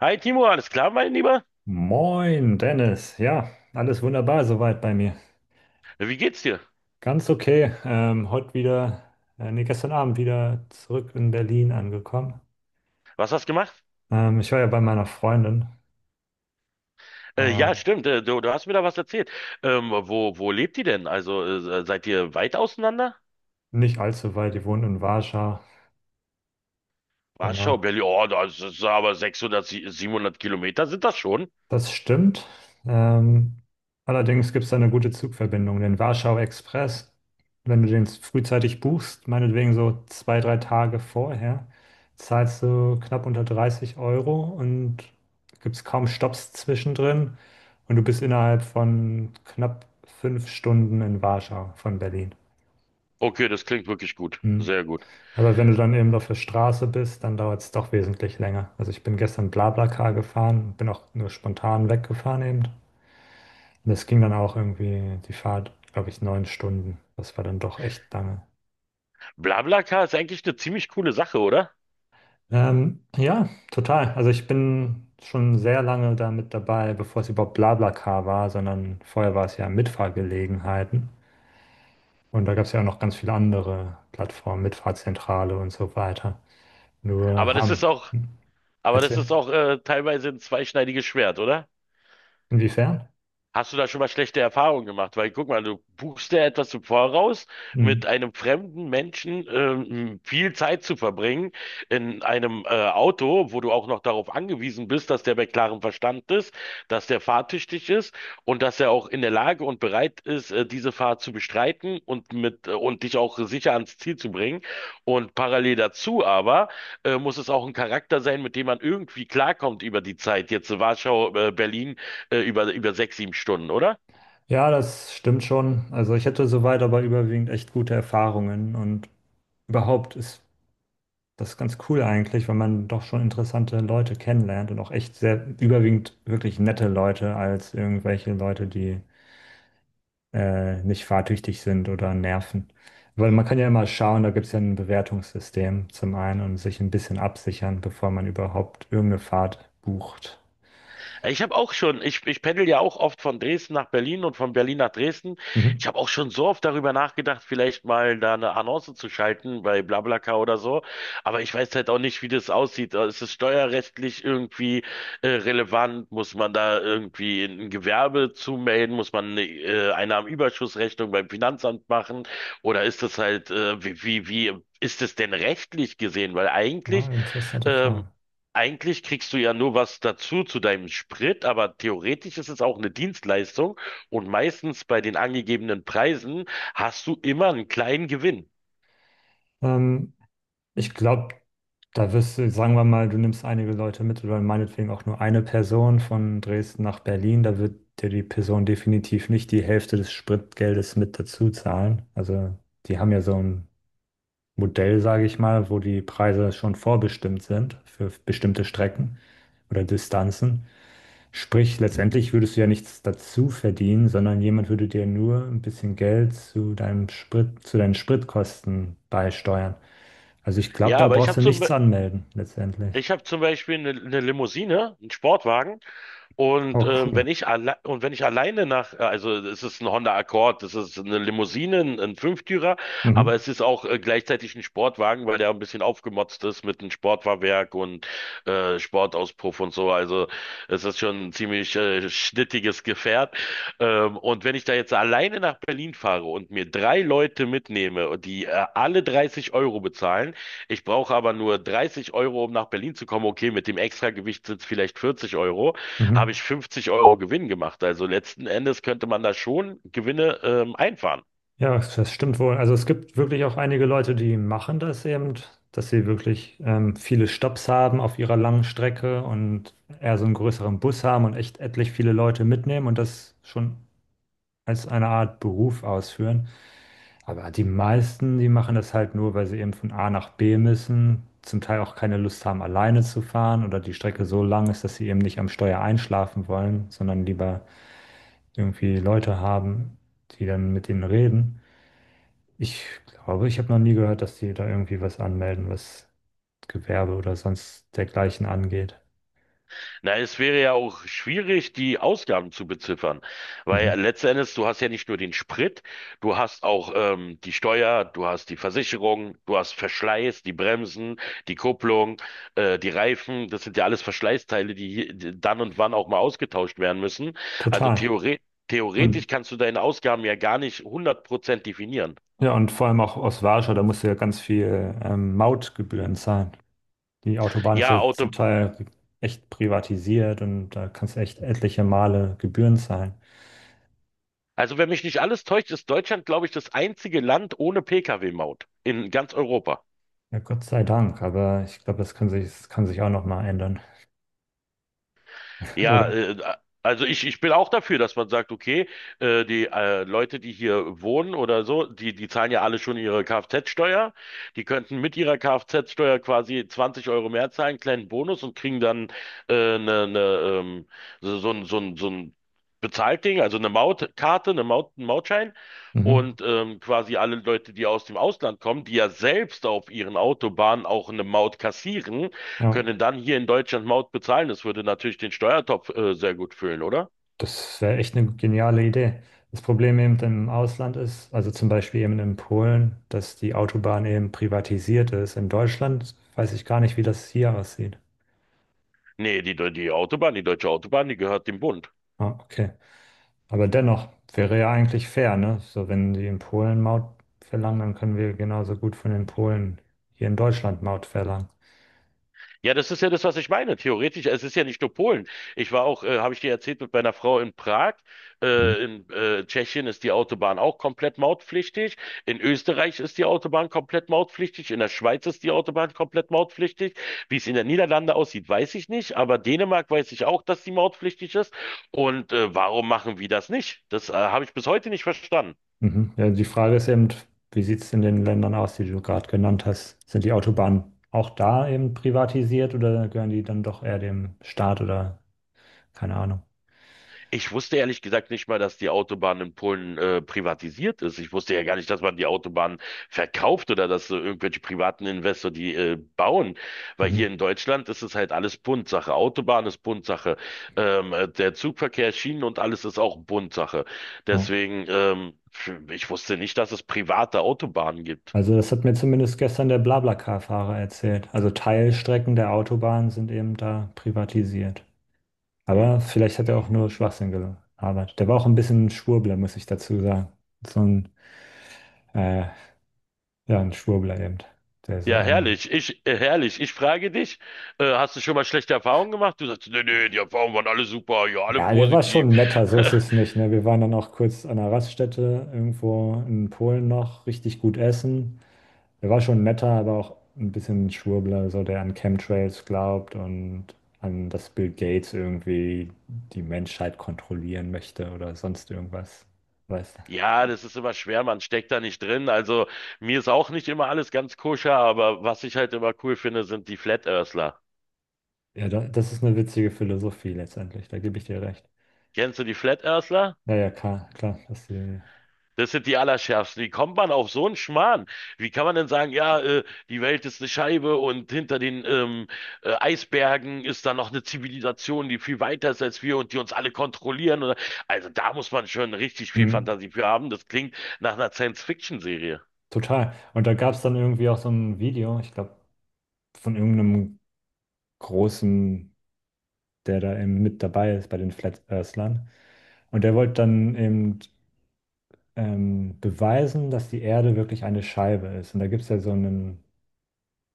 Hi Timo, alles klar, mein Lieber? Moin, Dennis. Ja, alles wunderbar soweit bei mir. Wie geht's dir? Ganz okay. Heute wieder, nee, gestern Abend wieder zurück in Berlin angekommen. Was hast du gemacht? Ich war ja bei meiner Freundin. Ja, Ähm, stimmt, du hast mir da was erzählt. Wo lebt ihr denn? Also, seid ihr weit auseinander? nicht allzu weit, die wohnt in Warschau. Warschau, Genau. Berlin, oh, das ist aber 600, 700 Kilometer sind das schon? Das stimmt. Ähm, allerdings gibt es da eine gute Zugverbindung, den Warschau Express. Wenn du den frühzeitig buchst, meinetwegen so zwei, drei Tage vorher, zahlst du knapp unter 30 € und gibt es kaum Stopps zwischendrin. Und du bist innerhalb von knapp 5 Stunden in Warschau von Berlin. Okay, das klingt wirklich gut. Hm. Sehr gut. Aber wenn du dann eben auf der Straße bist, dann dauert es doch wesentlich länger. Also ich bin gestern BlaBlaCar gefahren, bin auch nur spontan weggefahren eben. Das ging dann auch irgendwie die Fahrt, glaube ich, 9 Stunden. Das war dann doch echt lange. BlaBlaCar ist eigentlich eine ziemlich coole Sache, oder? Ja, total. Also ich bin schon sehr lange da mit dabei, bevor es überhaupt BlaBlaCar war, sondern vorher war es ja Mitfahrgelegenheiten. Und da gab es ja auch noch ganz viele andere Plattformen, Mitfahrzentrale und so weiter. Nur Aber das haben. ist auch, Hm? aber das ist Erzähl. auch teilweise ein zweischneidiges Schwert, oder? Inwiefern? Hast du da schon mal schlechte Erfahrungen gemacht? Weil guck mal, du buchst dir etwas im Voraus, Hm. mit einem fremden Menschen viel Zeit zu verbringen in einem Auto, wo du auch noch darauf angewiesen bist, dass der bei klarem Verstand ist, dass der fahrtüchtig ist und dass er auch in der Lage und bereit ist, diese Fahrt zu bestreiten und dich auch sicher ans Ziel zu bringen. Und parallel dazu aber muss es auch ein Charakter sein, mit dem man irgendwie klarkommt über die Zeit. Jetzt Warschau, Berlin, über 6, 7 Stunden, oder? Ja, das stimmt schon. Also ich hatte soweit aber überwiegend echt gute Erfahrungen und überhaupt ist das ist ganz cool eigentlich, weil man doch schon interessante Leute kennenlernt und auch echt sehr überwiegend wirklich nette Leute als irgendwelche Leute, die nicht fahrtüchtig sind oder nerven. Weil man kann ja immer schauen, da gibt es ja ein Bewertungssystem zum einen und sich ein bisschen absichern, bevor man überhaupt irgendeine Fahrt bucht. Ich habe auch schon, ich pendel ja auch oft von Dresden nach Berlin und von Berlin nach Dresden. Mhm. Ich habe auch schon so oft darüber nachgedacht, vielleicht mal da eine Annonce zu schalten bei BlaBlaCar oder so. Aber ich weiß halt auch nicht, wie das aussieht. Ist es steuerrechtlich irgendwie relevant? Muss man da irgendwie ein Gewerbe zumelden? Muss man eine Einnahmenüberschussrechnung beim Finanzamt machen? Oder ist das halt, wie ist es denn rechtlich gesehen? Weil Ja, interessante ähm, Frage. Eigentlich kriegst du ja nur was dazu zu deinem Sprit, aber theoretisch ist es auch eine Dienstleistung und meistens bei den angegebenen Preisen hast du immer einen kleinen Gewinn. Ähm, ich glaube, da wirst du, sagen wir mal, du nimmst einige Leute mit oder meinetwegen auch nur eine Person von Dresden nach Berlin, da wird dir die Person definitiv nicht die Hälfte des Spritgeldes mit dazu zahlen. Also die haben ja so einen Modell, sage ich mal, wo die Preise schon vorbestimmt sind für bestimmte Strecken oder Distanzen. Sprich, letztendlich würdest du ja nichts dazu verdienen, sondern jemand würde dir nur ein bisschen Geld zu deinem Sprit, zu deinen Spritkosten beisteuern. Also ich glaube, Ja, da aber brauchst du nichts anmelden, letztendlich. ich hab zum Beispiel eine Limousine, einen Sportwagen. Und Oh, cool. Wenn ich alleine also es ist ein Honda Accord, es ist eine Limousine, ein Fünftürer, aber Mhm. es ist auch gleichzeitig ein Sportwagen, weil der ein bisschen aufgemotzt ist mit einem Sportfahrwerk und Sportauspuff und so. Also es ist schon ein ziemlich schnittiges Gefährt. Und wenn ich da jetzt alleine nach Berlin fahre und mir drei Leute mitnehme, und die alle 30 € bezahlen. Ich brauche aber nur 30 Euro, um nach Berlin zu kommen. Okay, mit dem Extragewicht sind es vielleicht 40 €, habe Mhm. ich 50 € Gewinn gemacht. Also letzten Endes könnte man da schon Gewinne einfahren. Ja, das stimmt wohl. Also es gibt wirklich auch einige Leute, die machen das eben, dass sie wirklich viele Stopps haben auf ihrer langen Strecke und eher so einen größeren Bus haben und echt etlich viele Leute mitnehmen und das schon als eine Art Beruf ausführen. Aber die meisten, die machen das halt nur, weil sie eben von A nach B müssen, zum Teil auch keine Lust haben, alleine zu fahren oder die Strecke so lang ist, dass sie eben nicht am Steuer einschlafen wollen, sondern lieber irgendwie Leute haben, die dann mit ihnen reden. Ich glaube, ich habe noch nie gehört, dass die da irgendwie was anmelden, was Gewerbe oder sonst dergleichen angeht. Na, es wäre ja auch schwierig, die Ausgaben zu beziffern, Mhm. weil letzten Endes, du hast ja nicht nur den Sprit, du hast auch die Steuer, du hast die Versicherung, du hast Verschleiß, die Bremsen, die Kupplung, die Reifen. Das sind ja alles Verschleißteile, die dann und wann auch mal ausgetauscht werden müssen. Also Total. theoretisch. Und Theoretisch kannst du deine Ausgaben ja gar nicht 100% definieren. ja, und vor allem auch aus Warschau, da musst du ja ganz viel Mautgebühren zahlen. Die Autobahn ist Ja, ja zum Auto. Teil echt privatisiert und da kannst du echt etliche Male Gebühren zahlen. Also, wenn mich nicht alles täuscht, ist Deutschland, glaube ich, das einzige Land ohne Pkw-Maut in ganz Europa. Ja, Gott sei Dank, aber ich glaube, das kann sich auch noch mal ändern, Ja, oder? Also ich bin auch dafür, dass man sagt, okay, die Leute, die hier wohnen oder so, die zahlen ja alle schon ihre Kfz-Steuer. Die könnten mit ihrer Kfz-Steuer quasi 20 € mehr zahlen, kleinen Bonus und kriegen dann ne, ne, so ein Bezahlt Ding, also eine Mautkarte, einen Mautschein. Mhm. Und quasi alle Leute, die aus dem Ausland kommen, die ja selbst auf ihren Autobahnen auch eine Maut kassieren, Ja. können dann hier in Deutschland Maut bezahlen. Das würde natürlich den Steuertopf sehr gut füllen, oder? Das wäre echt eine geniale Idee. Das Problem eben im Ausland ist, also zum Beispiel eben in Polen, dass die Autobahn eben privatisiert ist. In Deutschland weiß ich gar nicht, wie das hier aussieht. Nee, die Autobahn, die deutsche Autobahn, die gehört dem Bund. Ah, okay. Aber dennoch wäre ja eigentlich fair, ne? So, wenn die in Polen Maut verlangen, dann können wir genauso gut von den Polen hier in Deutschland Maut verlangen. Ja, das ist ja das, was ich meine. Theoretisch, es ist ja nicht nur Polen. Ich war auch, habe ich dir erzählt, mit meiner Frau in Prag. Mhm. In Tschechien ist die Autobahn auch komplett mautpflichtig. In Österreich ist die Autobahn komplett mautpflichtig. In der Schweiz ist die Autobahn komplett mautpflichtig. Wie es in den Niederlanden aussieht, weiß ich nicht. Aber Dänemark weiß ich auch, dass die mautpflichtig ist. Und warum machen wir das nicht? Das habe ich bis heute nicht verstanden. Mhm. Ja, die Frage ist eben, wie sieht es in den Ländern aus, die du gerade genannt hast? Sind die Autobahnen auch da eben privatisiert oder gehören die dann doch eher dem Staat oder keine Ahnung. Ich wusste ehrlich gesagt nicht mal, dass die Autobahn in Polen privatisiert ist. Ich wusste ja gar nicht, dass man die Autobahn verkauft oder dass irgendwelche privaten Investoren die bauen. Weil hier Mhm. in Deutschland ist es halt alles Bundsache. Autobahn ist Bundsache. Der Zugverkehr, Schienen und alles ist auch Bundsache. Ja. Deswegen, ich wusste nicht, dass es private Autobahnen gibt. Also das hat mir zumindest gestern der BlaBlaCar-Fahrer erzählt. Also Teilstrecken der Autobahn sind eben da privatisiert. Hm. Aber vielleicht hat er auch nur Schwachsinn gearbeitet. Der war auch ein bisschen ein Schwurbler, muss ich dazu sagen. So ein, äh, ja, ein Schwurbler eben. Der so Ja, ein herrlich. Herrlich. Ich frage dich, hast du schon mal schlechte Erfahrungen gemacht? Du sagst, nee, nee, die Erfahrungen waren alle super, ja, alle ja, der war positiv. schon netter, so ist es nicht. Ne? Wir waren dann auch kurz an einer Raststätte irgendwo in Polen noch, richtig gut essen. Er war schon netter, aber auch ein bisschen Schwurbler, so der an Chemtrails glaubt und an das Bill Gates irgendwie die Menschheit kontrollieren möchte oder sonst irgendwas. Weißt Ja, das ist immer schwer, man steckt da nicht drin. Also mir ist auch nicht immer alles ganz koscher, aber was ich halt immer cool finde, sind die Flat Earthler. du? Ja, das ist eine witzige Philosophie letztendlich, da gebe ich dir recht. Kennst du die Flat Earthler? Ja, ja, klar, klar, das die, Das sind die Allerschärfsten. Wie kommt man auf so einen Schmarrn? Wie kann man denn sagen, ja, die Welt ist eine Scheibe und hinter den Eisbergen ist da noch eine Zivilisation, die viel weiter ist als wir und die uns alle kontrollieren? Oder, also da muss man schon richtig viel mhm, Fantasie für haben. Das klingt nach einer Science-Fiction-Serie. total. Und da gab es dann irgendwie auch so ein Video, ich glaube, von irgendeinem großen, der da eben mit dabei ist bei den Flat Earthlern. Und der wollte dann eben beweisen, dass die Erde wirklich eine Scheibe ist. Und da gibt es ja so einen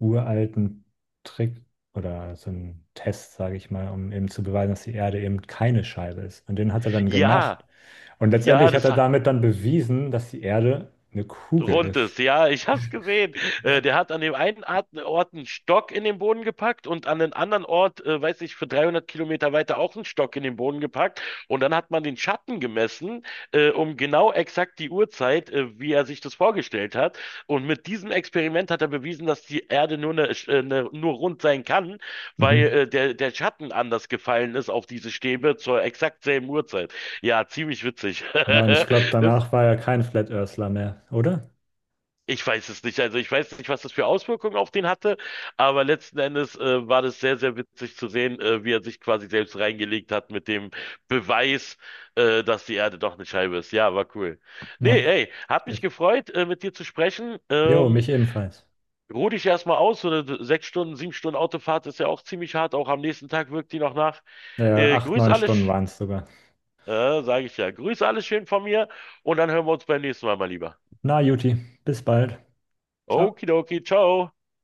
uralten Trick oder so einen Test, sage ich mal, um eben zu beweisen, dass die Erde eben keine Scheibe ist. Und den hat er dann gemacht. Ja, Und ja, letztendlich hat er damit dann bewiesen, dass die Erde eine Kugel Rundes, ist. ja, ich hab's gesehen. Der hat an dem einen Ort einen Stock in den Boden gepackt und an den anderen Ort, weiß ich, für 300 Kilometer weiter auch einen Stock in den Boden gepackt. Und dann hat man den Schatten gemessen, um genau exakt die Uhrzeit, wie er sich das vorgestellt hat. Und mit diesem Experiment hat er bewiesen, dass die Erde nur rund sein kann, weil Mhm. Der Schatten anders gefallen ist auf diese Stäbe zur exakt selben Uhrzeit. Ja, ziemlich witzig. Ja, und ich glaube, Das, danach war er kein Flat Earthler mehr, oder? Ich weiß es nicht. Also ich weiß nicht, was das für Auswirkungen auf den hatte, aber letzten Endes war das sehr, sehr witzig zu sehen, wie er sich quasi selbst reingelegt hat mit dem Beweis, dass die Erde doch eine Scheibe ist. Ja, war cool. Na, Nee, ey, hat mich echt. gefreut, mit dir zu sprechen. Jo, mich ebenfalls. Ruh dich erstmal aus. So eine 6 Stunden, 7 Stunden Autofahrt ist ja auch ziemlich hart. Auch am nächsten Tag wirkt die noch nach. Acht, Grüß neun alle, Stunden waren es sogar. Sage ich ja. Grüß alle schön von mir und dann hören wir uns beim nächsten Mal mal lieber. Na, Juti, bis bald. Ciao. Okidoki, ciao.